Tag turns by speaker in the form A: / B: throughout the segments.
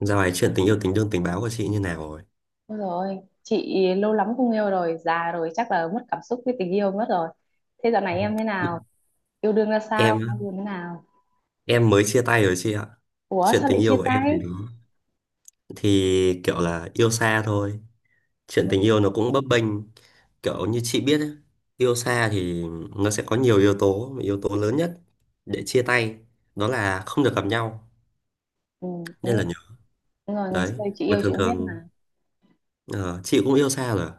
A: Dạo này chuyện tình yêu tình đương tình báo của chị như nào rồi?
B: Đúng rồi, chị lâu lắm không yêu rồi, già rồi chắc là mất cảm xúc với tình yêu mất rồi. Thế dạo này em thế nào? Yêu đương ra
A: Em
B: sao?
A: á,
B: Yêu đương thế nào?
A: em mới chia tay rồi chị ạ.
B: Ủa
A: Chuyện
B: sao
A: tình
B: lại chia
A: yêu của em thì
B: tay?
A: thì kiểu là yêu xa thôi. Chuyện
B: Ừ,
A: tình yêu nó cũng bấp bênh, kiểu như chị biết ấy, yêu xa thì nó sẽ có nhiều yếu tố, mà yếu tố lớn nhất để chia tay đó là không được gặp nhau
B: ừ, đúng
A: nên
B: rồi,
A: là nhớ
B: đúng rồi, ngày
A: đấy.
B: xưa chị
A: Mà
B: yêu chị
A: thường
B: cũng biết mà.
A: thường ờ, chị cũng yêu xa rồi, à?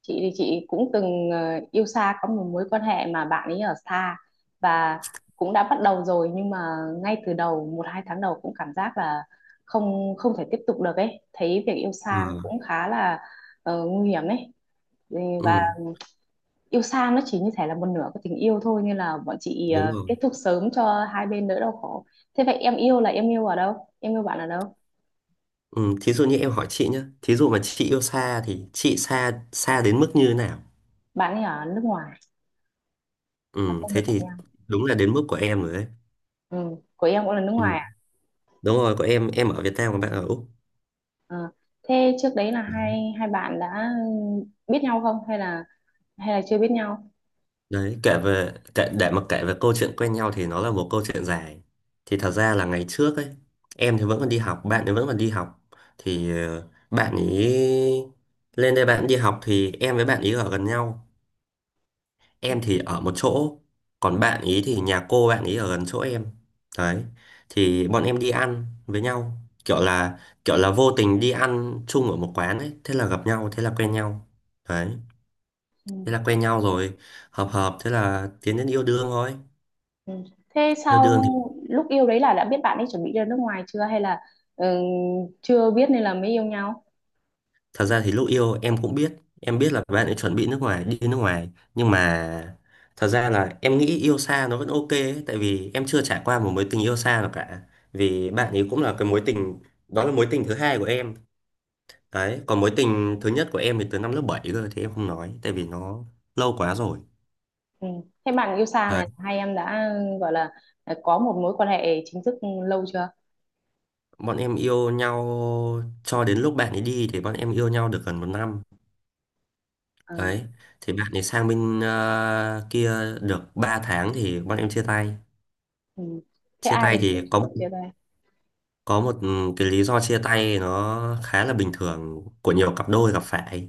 B: Chị thì chị cũng từng yêu xa có một mối quan hệ mà bạn ấy ở xa và cũng đã bắt đầu rồi nhưng mà ngay từ đầu một hai tháng đầu cũng cảm giác là không không thể tiếp tục được ấy. Thấy việc yêu
A: Ờ,
B: xa nó cũng khá là nguy hiểm ấy. Ừ, và
A: ừ,
B: yêu xa nó chỉ như thể là một nửa của tình yêu thôi nên là bọn chị
A: đúng rồi.
B: kết thúc sớm cho hai bên đỡ đau khổ. Thế vậy em yêu là em yêu ở đâu? Em yêu bạn ở đâu?
A: Ừ, thí dụ như em hỏi chị nhé, thí dụ mà chị yêu xa thì chị xa xa đến mức như thế nào?
B: Bạn ấy ở nước ngoài và
A: Ừ,
B: không được
A: thế
B: gặp
A: thì
B: nhau.
A: đúng là đến mức của em rồi đấy.
B: Ừ. Của em cũng là nước
A: Ừ,
B: ngoài à?
A: đúng rồi, của em ở Việt Nam còn bạn ở Úc.
B: Ờ. Thế trước đấy là hai hai bạn đã biết nhau không, hay là chưa biết nhau?
A: Đấy, để mà kể về câu chuyện quen nhau thì nó là một câu chuyện dài. Thì thật ra là ngày trước ấy, em thì vẫn còn đi học, bạn thì vẫn còn đi học. Thì bạn ấy lên đây bạn đi học thì em với bạn ấy ở gần nhau. Em thì ở một chỗ, còn bạn ý thì nhà cô bạn ý ở gần chỗ em. Đấy, thì bọn em đi ăn với nhau, kiểu là kiểu là vô tình đi ăn chung ở một quán ấy, thế là gặp nhau, thế là quen nhau. Đấy,
B: Ừ.
A: thế là quen nhau rồi, hợp hợp, thế là tiến đến yêu đương thôi.
B: Ừ. Thế
A: Yêu
B: sau
A: đương thì
B: lúc yêu đấy là đã biết bạn ấy chuẩn bị ra nước ngoài chưa hay là, ừ, chưa biết nên là mới yêu nhau?
A: thật ra thì lúc yêu em cũng biết, em biết là bạn ấy chuẩn bị nước ngoài, đi nước ngoài. Nhưng mà thật ra là em nghĩ yêu xa nó vẫn ok ấy, tại vì em chưa trải qua một mối tình yêu xa nào cả. Vì bạn ấy cũng là cái mối tình, đó là mối tình thứ hai của em. Đấy, còn mối tình thứ nhất của em thì từ năm lớp 7 cơ thì em không nói, tại vì nó lâu quá rồi.
B: Ừ. Thế bạn yêu xa
A: Đấy,
B: này hai em đã gọi là có một mối quan hệ chính thức lâu chưa?
A: bọn em yêu nhau cho đến lúc bạn ấy đi thì bọn em yêu nhau được gần một năm.
B: Ờ.
A: Đấy, thì bạn ấy sang bên kia được 3 tháng thì bọn em chia tay.
B: Ừ. Thế
A: Chia
B: ai là
A: tay
B: người
A: thì
B: chủ
A: có
B: động chia tay?
A: có một cái lý do chia tay nó khá là bình thường của nhiều cặp đôi gặp phải,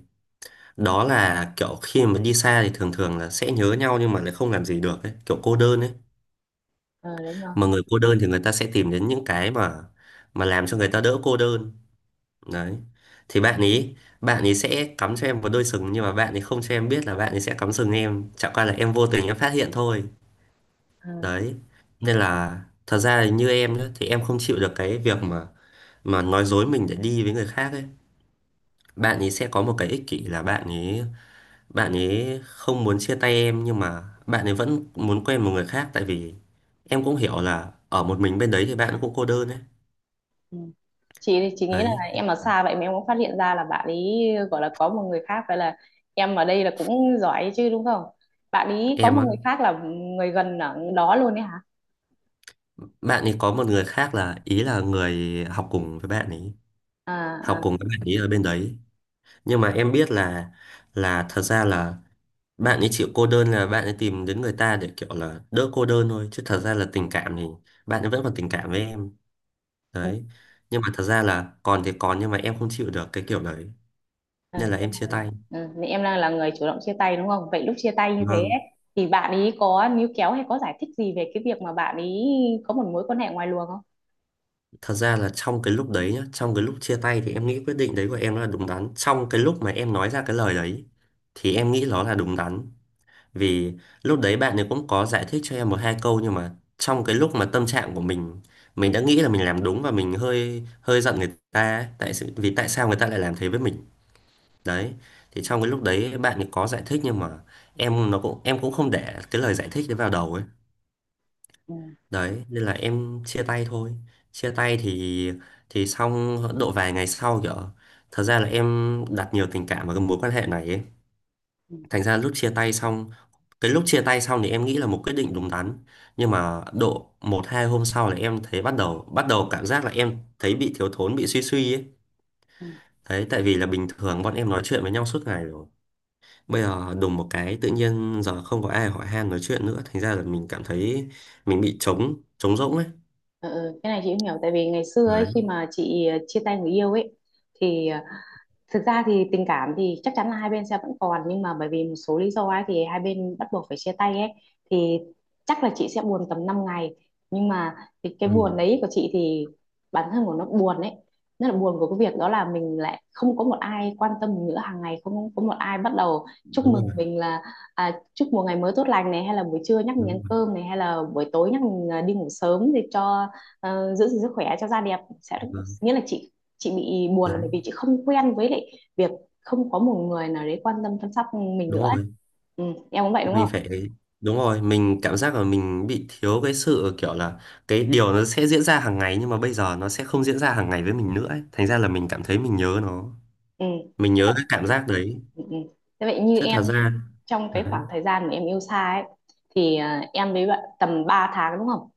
A: đó là kiểu khi mà đi xa thì thường thường là sẽ nhớ nhau nhưng mà lại không làm gì được ấy, kiểu cô đơn ấy.
B: Ờ, đúng rồi.
A: Mà người cô đơn thì người ta sẽ tìm đến những cái mà làm cho người ta đỡ cô đơn. Đấy, thì bạn ấy sẽ cắm cho em một đôi sừng, nhưng mà bạn ấy không cho em biết là bạn ấy sẽ cắm sừng em, chẳng qua là em vô tình em phát hiện thôi.
B: Ờ.
A: Đấy, nên là thật ra là như em nhá, thì em không chịu được cái việc mà nói dối mình để đi với người khác ấy. Bạn ấy sẽ có một cái ích kỷ là bạn ấy không muốn chia tay em nhưng mà bạn ấy vẫn muốn quen một người khác, tại vì em cũng hiểu là ở một mình bên đấy thì bạn cũng cô đơn ấy.
B: Ừ. Chị thì chị nghĩ là
A: Đấy,
B: em ở xa vậy mà em cũng phát hiện ra là bạn ấy gọi là có một người khác, vậy là em ở đây là cũng giỏi chứ đúng không? Bạn ấy
A: em
B: có một
A: á,
B: người khác là người gần ở đó luôn đấy hả?
A: bạn ấy có một người khác là, ý là người học cùng với bạn ấy,
B: À,
A: học
B: à,
A: cùng với bạn ấy ở bên đấy. Nhưng mà em biết là thật ra là bạn ấy chịu cô đơn là bạn ấy tìm đến người ta để kiểu là đỡ cô đơn thôi, chứ thật ra là tình cảm thì bạn ấy vẫn còn tình cảm với em.
B: ừ.
A: Đấy, nhưng mà thật ra là còn thì còn nhưng mà em không chịu được cái kiểu đấy,
B: Ờ,
A: nên là em chia tay.
B: ừ, thì em đang là người chủ động chia tay đúng không? Vậy lúc chia tay như thế
A: Vâng,
B: ấy, thì bạn ý có níu kéo hay có giải thích gì về cái việc mà bạn ý có một mối quan hệ ngoài luồng không?
A: thật ra là trong cái lúc đấy nhá, trong cái lúc chia tay thì em nghĩ quyết định đấy của em nó là đúng đắn. Trong cái lúc mà em nói ra cái lời đấy thì em nghĩ nó là đúng đắn. Vì lúc đấy bạn ấy cũng có giải thích cho em một hai câu nhưng mà trong cái lúc mà tâm trạng của mình đã nghĩ là mình làm đúng và mình hơi hơi giận người ta ấy, tại sự vì tại sao người ta lại làm thế với mình. Đấy, thì trong cái lúc đấy bạn ấy có giải thích nhưng mà em nó cũng em cũng không để cái lời giải thích đấy vào đầu ấy.
B: Ừ,
A: Đấy, nên là em chia tay thôi. Chia tay thì xong độ vài ngày sau, kiểu thật ra là em đặt nhiều tình cảm vào cái mối quan hệ này ấy.
B: ừ,
A: Thành ra lúc chia tay xong, thì em nghĩ là một quyết định đúng đắn, nhưng mà độ một hai hôm sau là em thấy, bắt đầu cảm giác là em thấy bị thiếu thốn, bị suy suy ấy.
B: ừ.
A: Đấy, tại vì là bình thường bọn em nói chuyện với nhau suốt ngày rồi, bây giờ đùng một cái tự nhiên giờ không có ai hỏi han nói chuyện nữa, thành ra là mình cảm thấy mình bị trống trống rỗng ấy.
B: Ừ, ừ, cái này chị cũng hiểu, tại vì ngày xưa ấy
A: Đấy,
B: khi mà chị chia tay người yêu ấy thì thực ra thì tình cảm thì chắc chắn là hai bên sẽ vẫn còn, nhưng mà bởi vì một số lý do ấy thì hai bên bắt buộc phải chia tay ấy, thì chắc là chị sẽ buồn tầm 5 ngày. Nhưng mà cái
A: ừ,
B: buồn đấy của chị thì bản thân của nó buồn ấy, nó là buồn của cái việc đó là mình lại không có một ai quan tâm mình nữa, hàng ngày không có một ai bắt đầu chúc
A: đúng
B: mừng
A: rồi.
B: mình là chúc một ngày mới tốt lành này, hay là buổi trưa nhắc mình ăn
A: Đúng rồi.
B: cơm này, hay là buổi tối nhắc mình đi ngủ sớm để cho giữ gìn sức khỏe cho da đẹp sẽ,
A: Vâng.
B: nghĩa là chị bị buồn là
A: Đấy,
B: bởi vì chị không quen với lại việc không có một người nào đấy quan tâm chăm sóc mình
A: đúng
B: nữa ấy.
A: rồi.
B: Ừ, em cũng vậy đúng
A: Mình
B: không?
A: phải, đúng rồi, mình cảm giác là mình bị thiếu cái sự kiểu là cái điều nó sẽ diễn ra hàng ngày nhưng mà bây giờ nó sẽ không diễn ra hàng ngày với mình nữa ấy. Thành ra là mình cảm thấy mình nhớ nó,
B: Ừ.
A: mình nhớ
B: Vậy,
A: cái cảm giác đấy,
B: ừ. Ừ. Thế vậy như
A: chứ thật
B: em nhá,
A: ra.
B: trong cái
A: Đấy,
B: khoảng thời gian mà em yêu xa ấy thì, em với bạn tầm 3 tháng đúng không,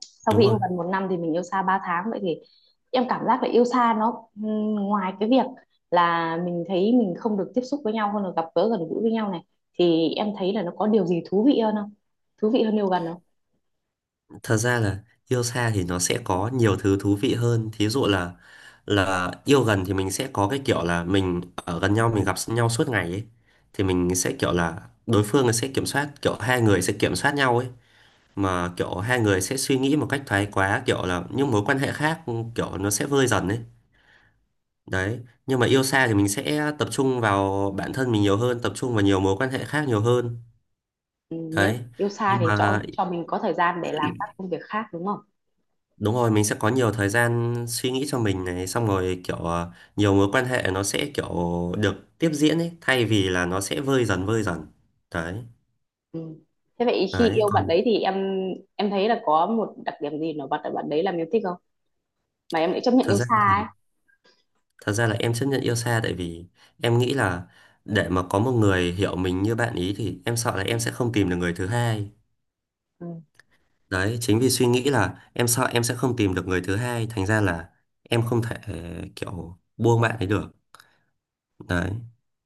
B: sau
A: đúng
B: khi
A: rồi.
B: yêu gần một năm thì mình yêu xa 3 tháng, vậy thì em cảm giác là yêu xa nó, ừ, ngoài cái việc là mình thấy mình không được tiếp xúc với nhau hơn là gặp gỡ gần gũi với nhau này thì em thấy là nó có điều gì thú vị hơn không, thú vị hơn yêu gần?
A: Thật ra là yêu xa thì nó sẽ có nhiều thứ thú vị hơn. Thí dụ là yêu gần thì mình sẽ có cái kiểu là mình ở gần nhau, mình gặp nhau suốt ngày ấy, thì mình sẽ kiểu là đối phương sẽ kiểm soát, kiểu hai người sẽ kiểm soát nhau ấy, mà kiểu hai người sẽ suy nghĩ một cách thái quá kiểu là những mối quan hệ khác kiểu nó sẽ vơi dần ấy. Đấy, nhưng mà yêu xa thì mình sẽ tập trung vào bản thân mình nhiều hơn, tập trung vào nhiều mối quan hệ khác nhiều hơn.
B: Ừ, nghĩa là
A: Đấy,
B: yêu xa
A: nhưng
B: thì cho
A: mà
B: cho mình có thời gian để làm các công việc khác đúng không?
A: đúng rồi, mình sẽ có nhiều thời gian suy nghĩ cho mình này, xong rồi kiểu nhiều mối quan hệ nó sẽ kiểu được tiếp diễn ấy, thay vì là nó sẽ vơi dần vơi dần. Đấy,
B: Ừ. Thế vậy khi
A: đấy,
B: yêu
A: còn
B: bạn đấy thì em thấy là có một đặc điểm gì nổi bật ở bạn đấy làm em thích không? Mà em lại chấp nhận
A: thật
B: yêu
A: ra
B: xa
A: thì,
B: ấy.
A: thật ra là em chấp nhận yêu xa tại vì em nghĩ là để mà có một người hiểu mình như bạn ý thì em sợ là em sẽ không tìm được người thứ hai.
B: Ừ.
A: Đấy, chính vì suy nghĩ là em sợ em sẽ không tìm được người thứ hai, thành ra là em không thể kiểu buông bạn ấy được. Đấy.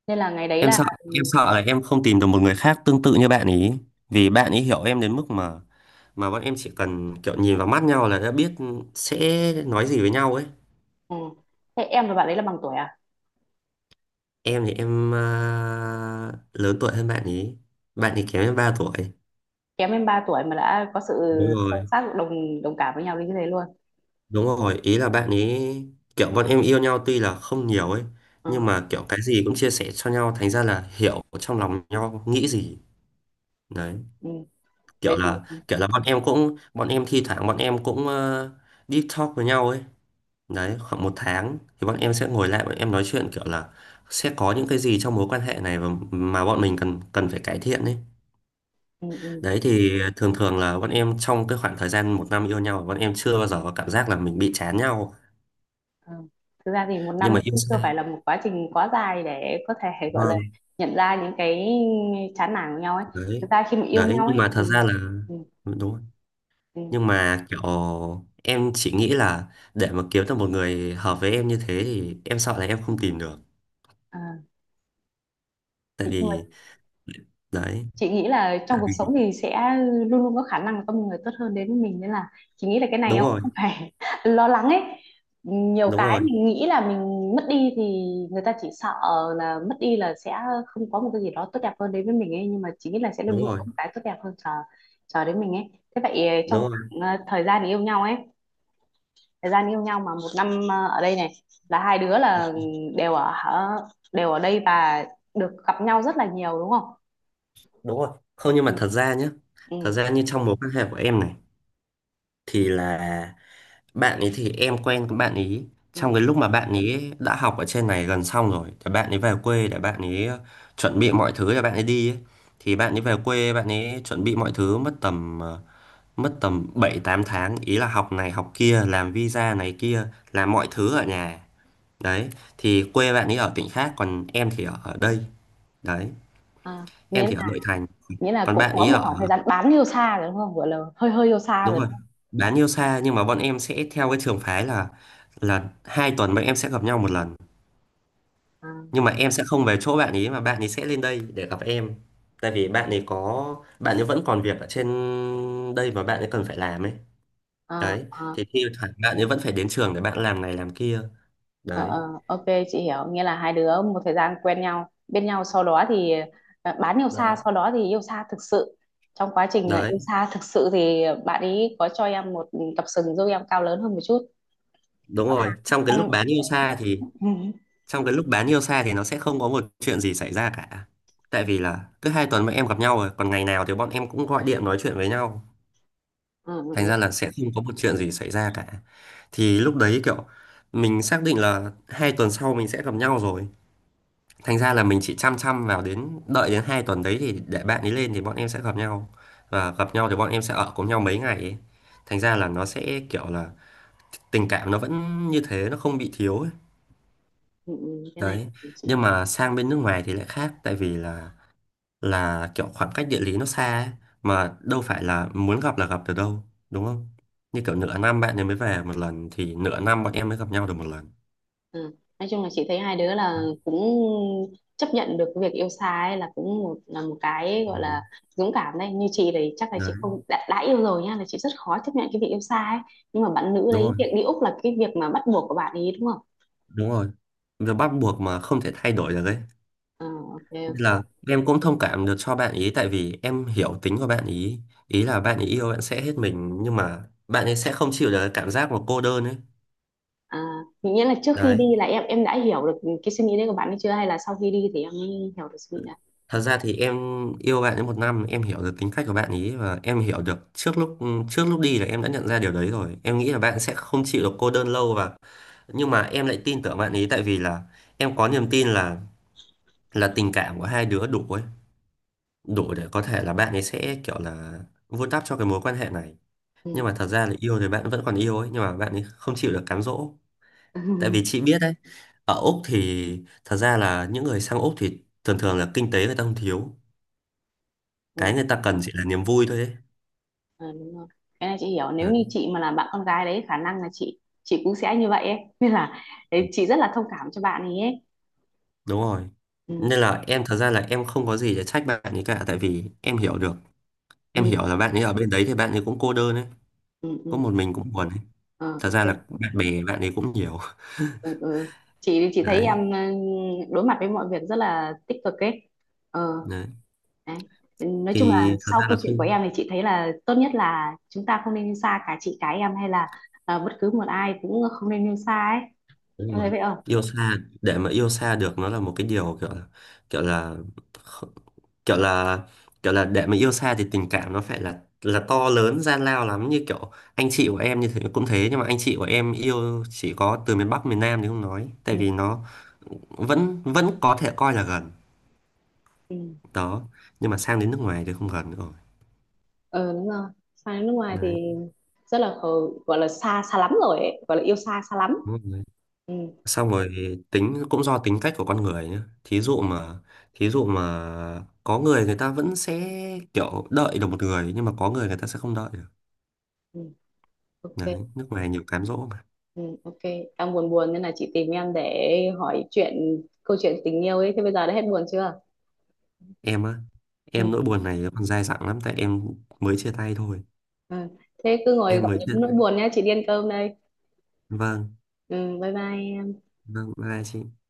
B: Nên là ngày đấy
A: Em
B: là,
A: sợ,
B: ừ.
A: em sợ là em không tìm được một người khác tương tự như bạn ý. Vì bạn ý hiểu em đến mức mà bọn em chỉ cần kiểu nhìn vào mắt nhau là đã biết sẽ nói gì với nhau ấy.
B: Ừ. Thế em và bạn đấy là bằng tuổi à?
A: Em thì em lớn tuổi hơn bạn ý. Bạn ý kém em 3 tuổi.
B: Kém em 3 tuổi mà đã có sự
A: Đúng rồi,
B: sâu sắc đồng đồng cảm với nhau đến như thế luôn.
A: đúng rồi. Ý là bạn ấy kiểu bọn em yêu nhau tuy là không nhiều ấy,
B: Ừ.
A: nhưng mà kiểu cái gì cũng chia sẻ cho nhau, thành ra là hiểu trong lòng nhau nghĩ gì. Đấy,
B: Ừ.
A: kiểu
B: Vậy thì,
A: là kiểu là bọn em cũng, bọn em thi thoảng bọn em cũng deep talk với nhau ấy. Đấy, khoảng một tháng thì bọn em sẽ ngồi lại bọn em nói chuyện kiểu là sẽ có những cái gì trong mối quan hệ này và mà bọn mình cần cần phải cải thiện ấy.
B: ừ. Ừ.
A: Đấy, thì thường thường là bọn em trong cái khoảng thời gian một năm yêu nhau bọn em chưa bao giờ có cảm giác là mình bị chán nhau,
B: Ừ. Thực ra thì một
A: nhưng
B: năm
A: mà yêu
B: cũng chưa
A: sai.
B: phải là một quá trình quá dài để có thể gọi là
A: Vâng,
B: nhận ra những cái chán nản của nhau ấy. Thực
A: đấy,
B: ra khi mà yêu
A: đấy,
B: nhau
A: nhưng
B: ấy
A: mà thật
B: thì,
A: ra là
B: ừ,
A: đúng rồi.
B: ừ,
A: Nhưng mà kiểu em chỉ nghĩ là để mà kiếm được một người hợp với em như thế thì em sợ là em không tìm được.
B: à,
A: Tại
B: nhưng
A: vì, đấy,
B: chị nghĩ là
A: tại
B: trong cuộc sống
A: vì
B: thì sẽ luôn luôn có khả năng là có một người tốt hơn đến với mình, nên là chị nghĩ là cái này
A: đúng
B: em
A: rồi,
B: không phải lo lắng ấy, nhiều
A: đúng
B: cái
A: rồi,
B: mình nghĩ là mình mất đi thì người ta chỉ sợ là mất đi là sẽ không có một cái gì đó tốt đẹp hơn đến với mình ấy, nhưng mà chị nghĩ là sẽ luôn
A: đúng
B: luôn
A: rồi,
B: có một cái tốt đẹp hơn chờ chờ đến mình ấy. Thế vậy trong
A: đúng rồi.
B: khoảng, thời gian yêu nhau ấy, thời gian yêu nhau mà một năm ở đây này là hai đứa
A: Ừ,
B: là đều ở đều ở đây và được gặp nhau rất là nhiều đúng không?
A: đúng rồi. Không, nhưng
B: Ừ,
A: mà thật ra nhé, thật
B: ừ.
A: ra như trong mối quan hệ của em này thì là bạn ấy, thì em quen với bạn ấy
B: Ừ.
A: trong cái lúc mà bạn ấy đã học ở trên này gần xong rồi thì bạn ấy về quê để bạn ấy chuẩn bị mọi thứ để bạn ấy đi ấy. Thì bạn ấy về quê bạn ấy chuẩn bị mọi thứ mất tầm mất tầm 7 8 tháng, ý là học này học kia, làm visa này kia, làm mọi thứ ở nhà. Đấy, thì quê bạn ấy ở tỉnh khác, còn em thì ở ở đây. Đấy,
B: À, nghĩa
A: em thì ở
B: là
A: nội thành,
B: nghĩa là
A: còn
B: cũng
A: bạn
B: có
A: ấy
B: một
A: ở.
B: khoảng thời gian bán yêu xa rồi đúng không? Gọi là hơi hơi yêu xa
A: Đúng
B: rồi đúng
A: rồi,
B: không?
A: bán yêu xa nhưng mà bọn em sẽ theo cái trường phái là hai tuần bọn em sẽ gặp nhau một lần.
B: À,
A: Nhưng mà em sẽ không về chỗ bạn ấy mà bạn ấy sẽ lên đây để gặp em, tại vì bạn ấy có, bạn ấy vẫn còn việc ở trên đây mà bạn ấy cần phải làm ấy.
B: à,
A: Đấy,
B: à,
A: thì thi thoảng bạn ấy vẫn phải đến trường để bạn làm này làm kia. Đấy.
B: ờ, ok chị hiểu. Nghĩa là hai đứa một thời gian quen nhau, bên nhau, sau đó thì bán yêu xa,
A: Đấy.
B: sau đó thì yêu xa thực sự. Trong quá trình yêu
A: Đấy,
B: xa thực sự thì bạn ấy có cho em một cặp sừng giúp em cao lớn hơn một chút.
A: đúng rồi, trong cái lúc
B: Em-
A: bán yêu xa thì, trong cái lúc bán yêu xa thì nó sẽ không có một chuyện gì xảy ra cả, tại vì là cứ hai tuần bọn em gặp nhau rồi, còn ngày nào thì bọn em cũng gọi điện nói chuyện với nhau.
B: Ừ, ừ,
A: Thành
B: ừ,
A: ra là sẽ không có một chuyện gì xảy ra cả. Thì lúc đấy kiểu mình xác định là hai tuần sau mình sẽ gặp nhau rồi, thành ra là mình chỉ chăm chăm vào đến đợi đến hai tuần đấy thì để bạn ấy lên thì bọn em sẽ gặp nhau, và gặp nhau thì bọn em sẽ ở cùng nhau mấy ngày ấy. Thành ra là nó sẽ kiểu là tình cảm nó vẫn như thế, nó không bị thiếu ấy.
B: ừ, ừ, cái này
A: Đấy.
B: chị.
A: Nhưng mà sang bên nước ngoài thì lại khác, tại vì là kiểu khoảng cách địa lý nó xa ấy, mà đâu phải là muốn gặp là gặp được đâu, đúng không? Như kiểu nửa năm bạn ấy mới về một lần thì nửa năm bọn em mới gặp nhau được một lần.
B: Ừ. Nói chung là chị thấy hai đứa là cũng chấp nhận được cái việc yêu xa ấy là cũng một là một cái gọi
A: Ừ.
B: là dũng cảm đấy, như chị thì chắc là
A: Đấy,
B: chị không, đã yêu rồi nhá, là chị rất khó chấp nhận cái việc yêu xa ấy, nhưng mà bạn nữ
A: đúng
B: đấy
A: rồi,
B: việc đi Úc là cái việc mà bắt buộc của bạn ấy đúng không?
A: đúng rồi, việc bắt buộc mà không thể thay đổi được ấy.
B: Ờ, ok,
A: Nên là em cũng thông cảm được cho bạn ý, tại vì em hiểu tính của bạn ý. Ý là bạn ấy yêu bạn sẽ hết mình nhưng mà bạn ấy sẽ không chịu được cái cảm giác mà cô đơn ấy.
B: à, nghĩa là trước khi
A: Đấy.
B: đi là em đã hiểu được cái suy nghĩ đấy của bạn ấy chưa, hay là sau khi đi thì em mới hiểu được suy nghĩ đấy?
A: Thật ra thì em yêu bạn ấy một năm, em hiểu được tính cách của bạn ấy và em hiểu được trước lúc, trước lúc đi là em đã nhận ra điều đấy rồi. Em nghĩ là bạn sẽ không chịu được cô đơn lâu, và nhưng mà em lại tin tưởng bạn ấy, tại vì là em có niềm tin là tình cảm của hai đứa đủ ấy, đủ để có thể là bạn ấy sẽ kiểu là vun đắp cho cái mối quan hệ này. Nhưng mà thật ra là yêu thì bạn vẫn còn yêu ấy, nhưng mà bạn ấy không chịu được cám dỗ. Tại vì chị biết đấy, ở Úc thì, thật ra là những người sang Úc thì thường thường là kinh tế người ta không thiếu, cái
B: Ừ.
A: người ta cần chỉ là niềm vui thôi ấy.
B: Ờ, đúng rồi. Cái này chị hiểu, nếu
A: Đấy,
B: như chị mà là bạn con gái đấy khả năng là chị cũng sẽ như vậy ấy, nên là đấy, chị rất là thông cảm cho bạn ấy, ấy.
A: đúng rồi,
B: Ừ,
A: nên là em, thật ra là em không có gì để trách bạn ấy cả, tại vì em hiểu được, em
B: ừ,
A: hiểu là bạn ấy ở bên đấy thì bạn ấy cũng cô đơn ấy,
B: ừ,
A: có
B: ừ.
A: một mình cũng buồn ấy.
B: Ờ,
A: Thật
B: ok,
A: ra là bạn bè bạn ấy cũng nhiều.
B: ừ, ừ. Chị thì chị thấy
A: Đấy.
B: em, đối mặt với mọi việc rất là tích cực ấy, ờ,
A: Đấy,
B: đấy. Nói chung là
A: thì thật
B: sau
A: ra là
B: câu
A: khi,
B: chuyện của em thì chị thấy là tốt nhất là chúng ta không nên yêu xa, cả chị cả em hay là bất cứ một ai cũng không nên yêu xa ấy,
A: đúng
B: em thấy
A: rồi,
B: vậy không?
A: yêu xa để mà yêu xa được nó là một cái điều kiểu là, kiểu là, kh- kiểu là, kiểu là để mà yêu xa thì tình cảm nó phải là to lớn gian lao lắm, như kiểu anh chị của em như thế cũng thế, nhưng mà anh chị của em yêu chỉ có từ miền Bắc miền Nam thì không nói, tại
B: Ừ,
A: vì nó vẫn vẫn có thể coi là gần.
B: ừ.
A: Đó. Nhưng mà sang đến nước ngoài thì không gần nữa
B: Ờ, đúng rồi, sang đến nước ngoài
A: rồi.
B: thì rất là gọi là xa xa lắm rồi ấy, gọi là yêu xa xa lắm.
A: Đấy,
B: Ừ,
A: xong rồi, tính cũng do tính cách của con người nhé. Thí dụ mà, thí dụ mà có người người ta vẫn sẽ kiểu đợi được một người, nhưng mà có người người ta sẽ không đợi được.
B: ừ, ok,
A: Đấy, nước ngoài nhiều cám dỗ mà.
B: ừ, ok, đang buồn buồn nên là chị tìm em để hỏi chuyện câu chuyện tình yêu ấy, thế bây giờ đã hết buồn chưa?
A: Em á, em
B: Ừ,
A: nỗi buồn này còn dai dẳng lắm, tại em mới chia tay thôi.
B: ừ. Thế cứ ngồi
A: Em
B: gặm
A: mới
B: nhấm
A: chia.
B: nỗi buồn nhá, chị đi ăn cơm đây.
A: Vâng,
B: Ừ, bye bye em.
A: vâng, bye bye chị.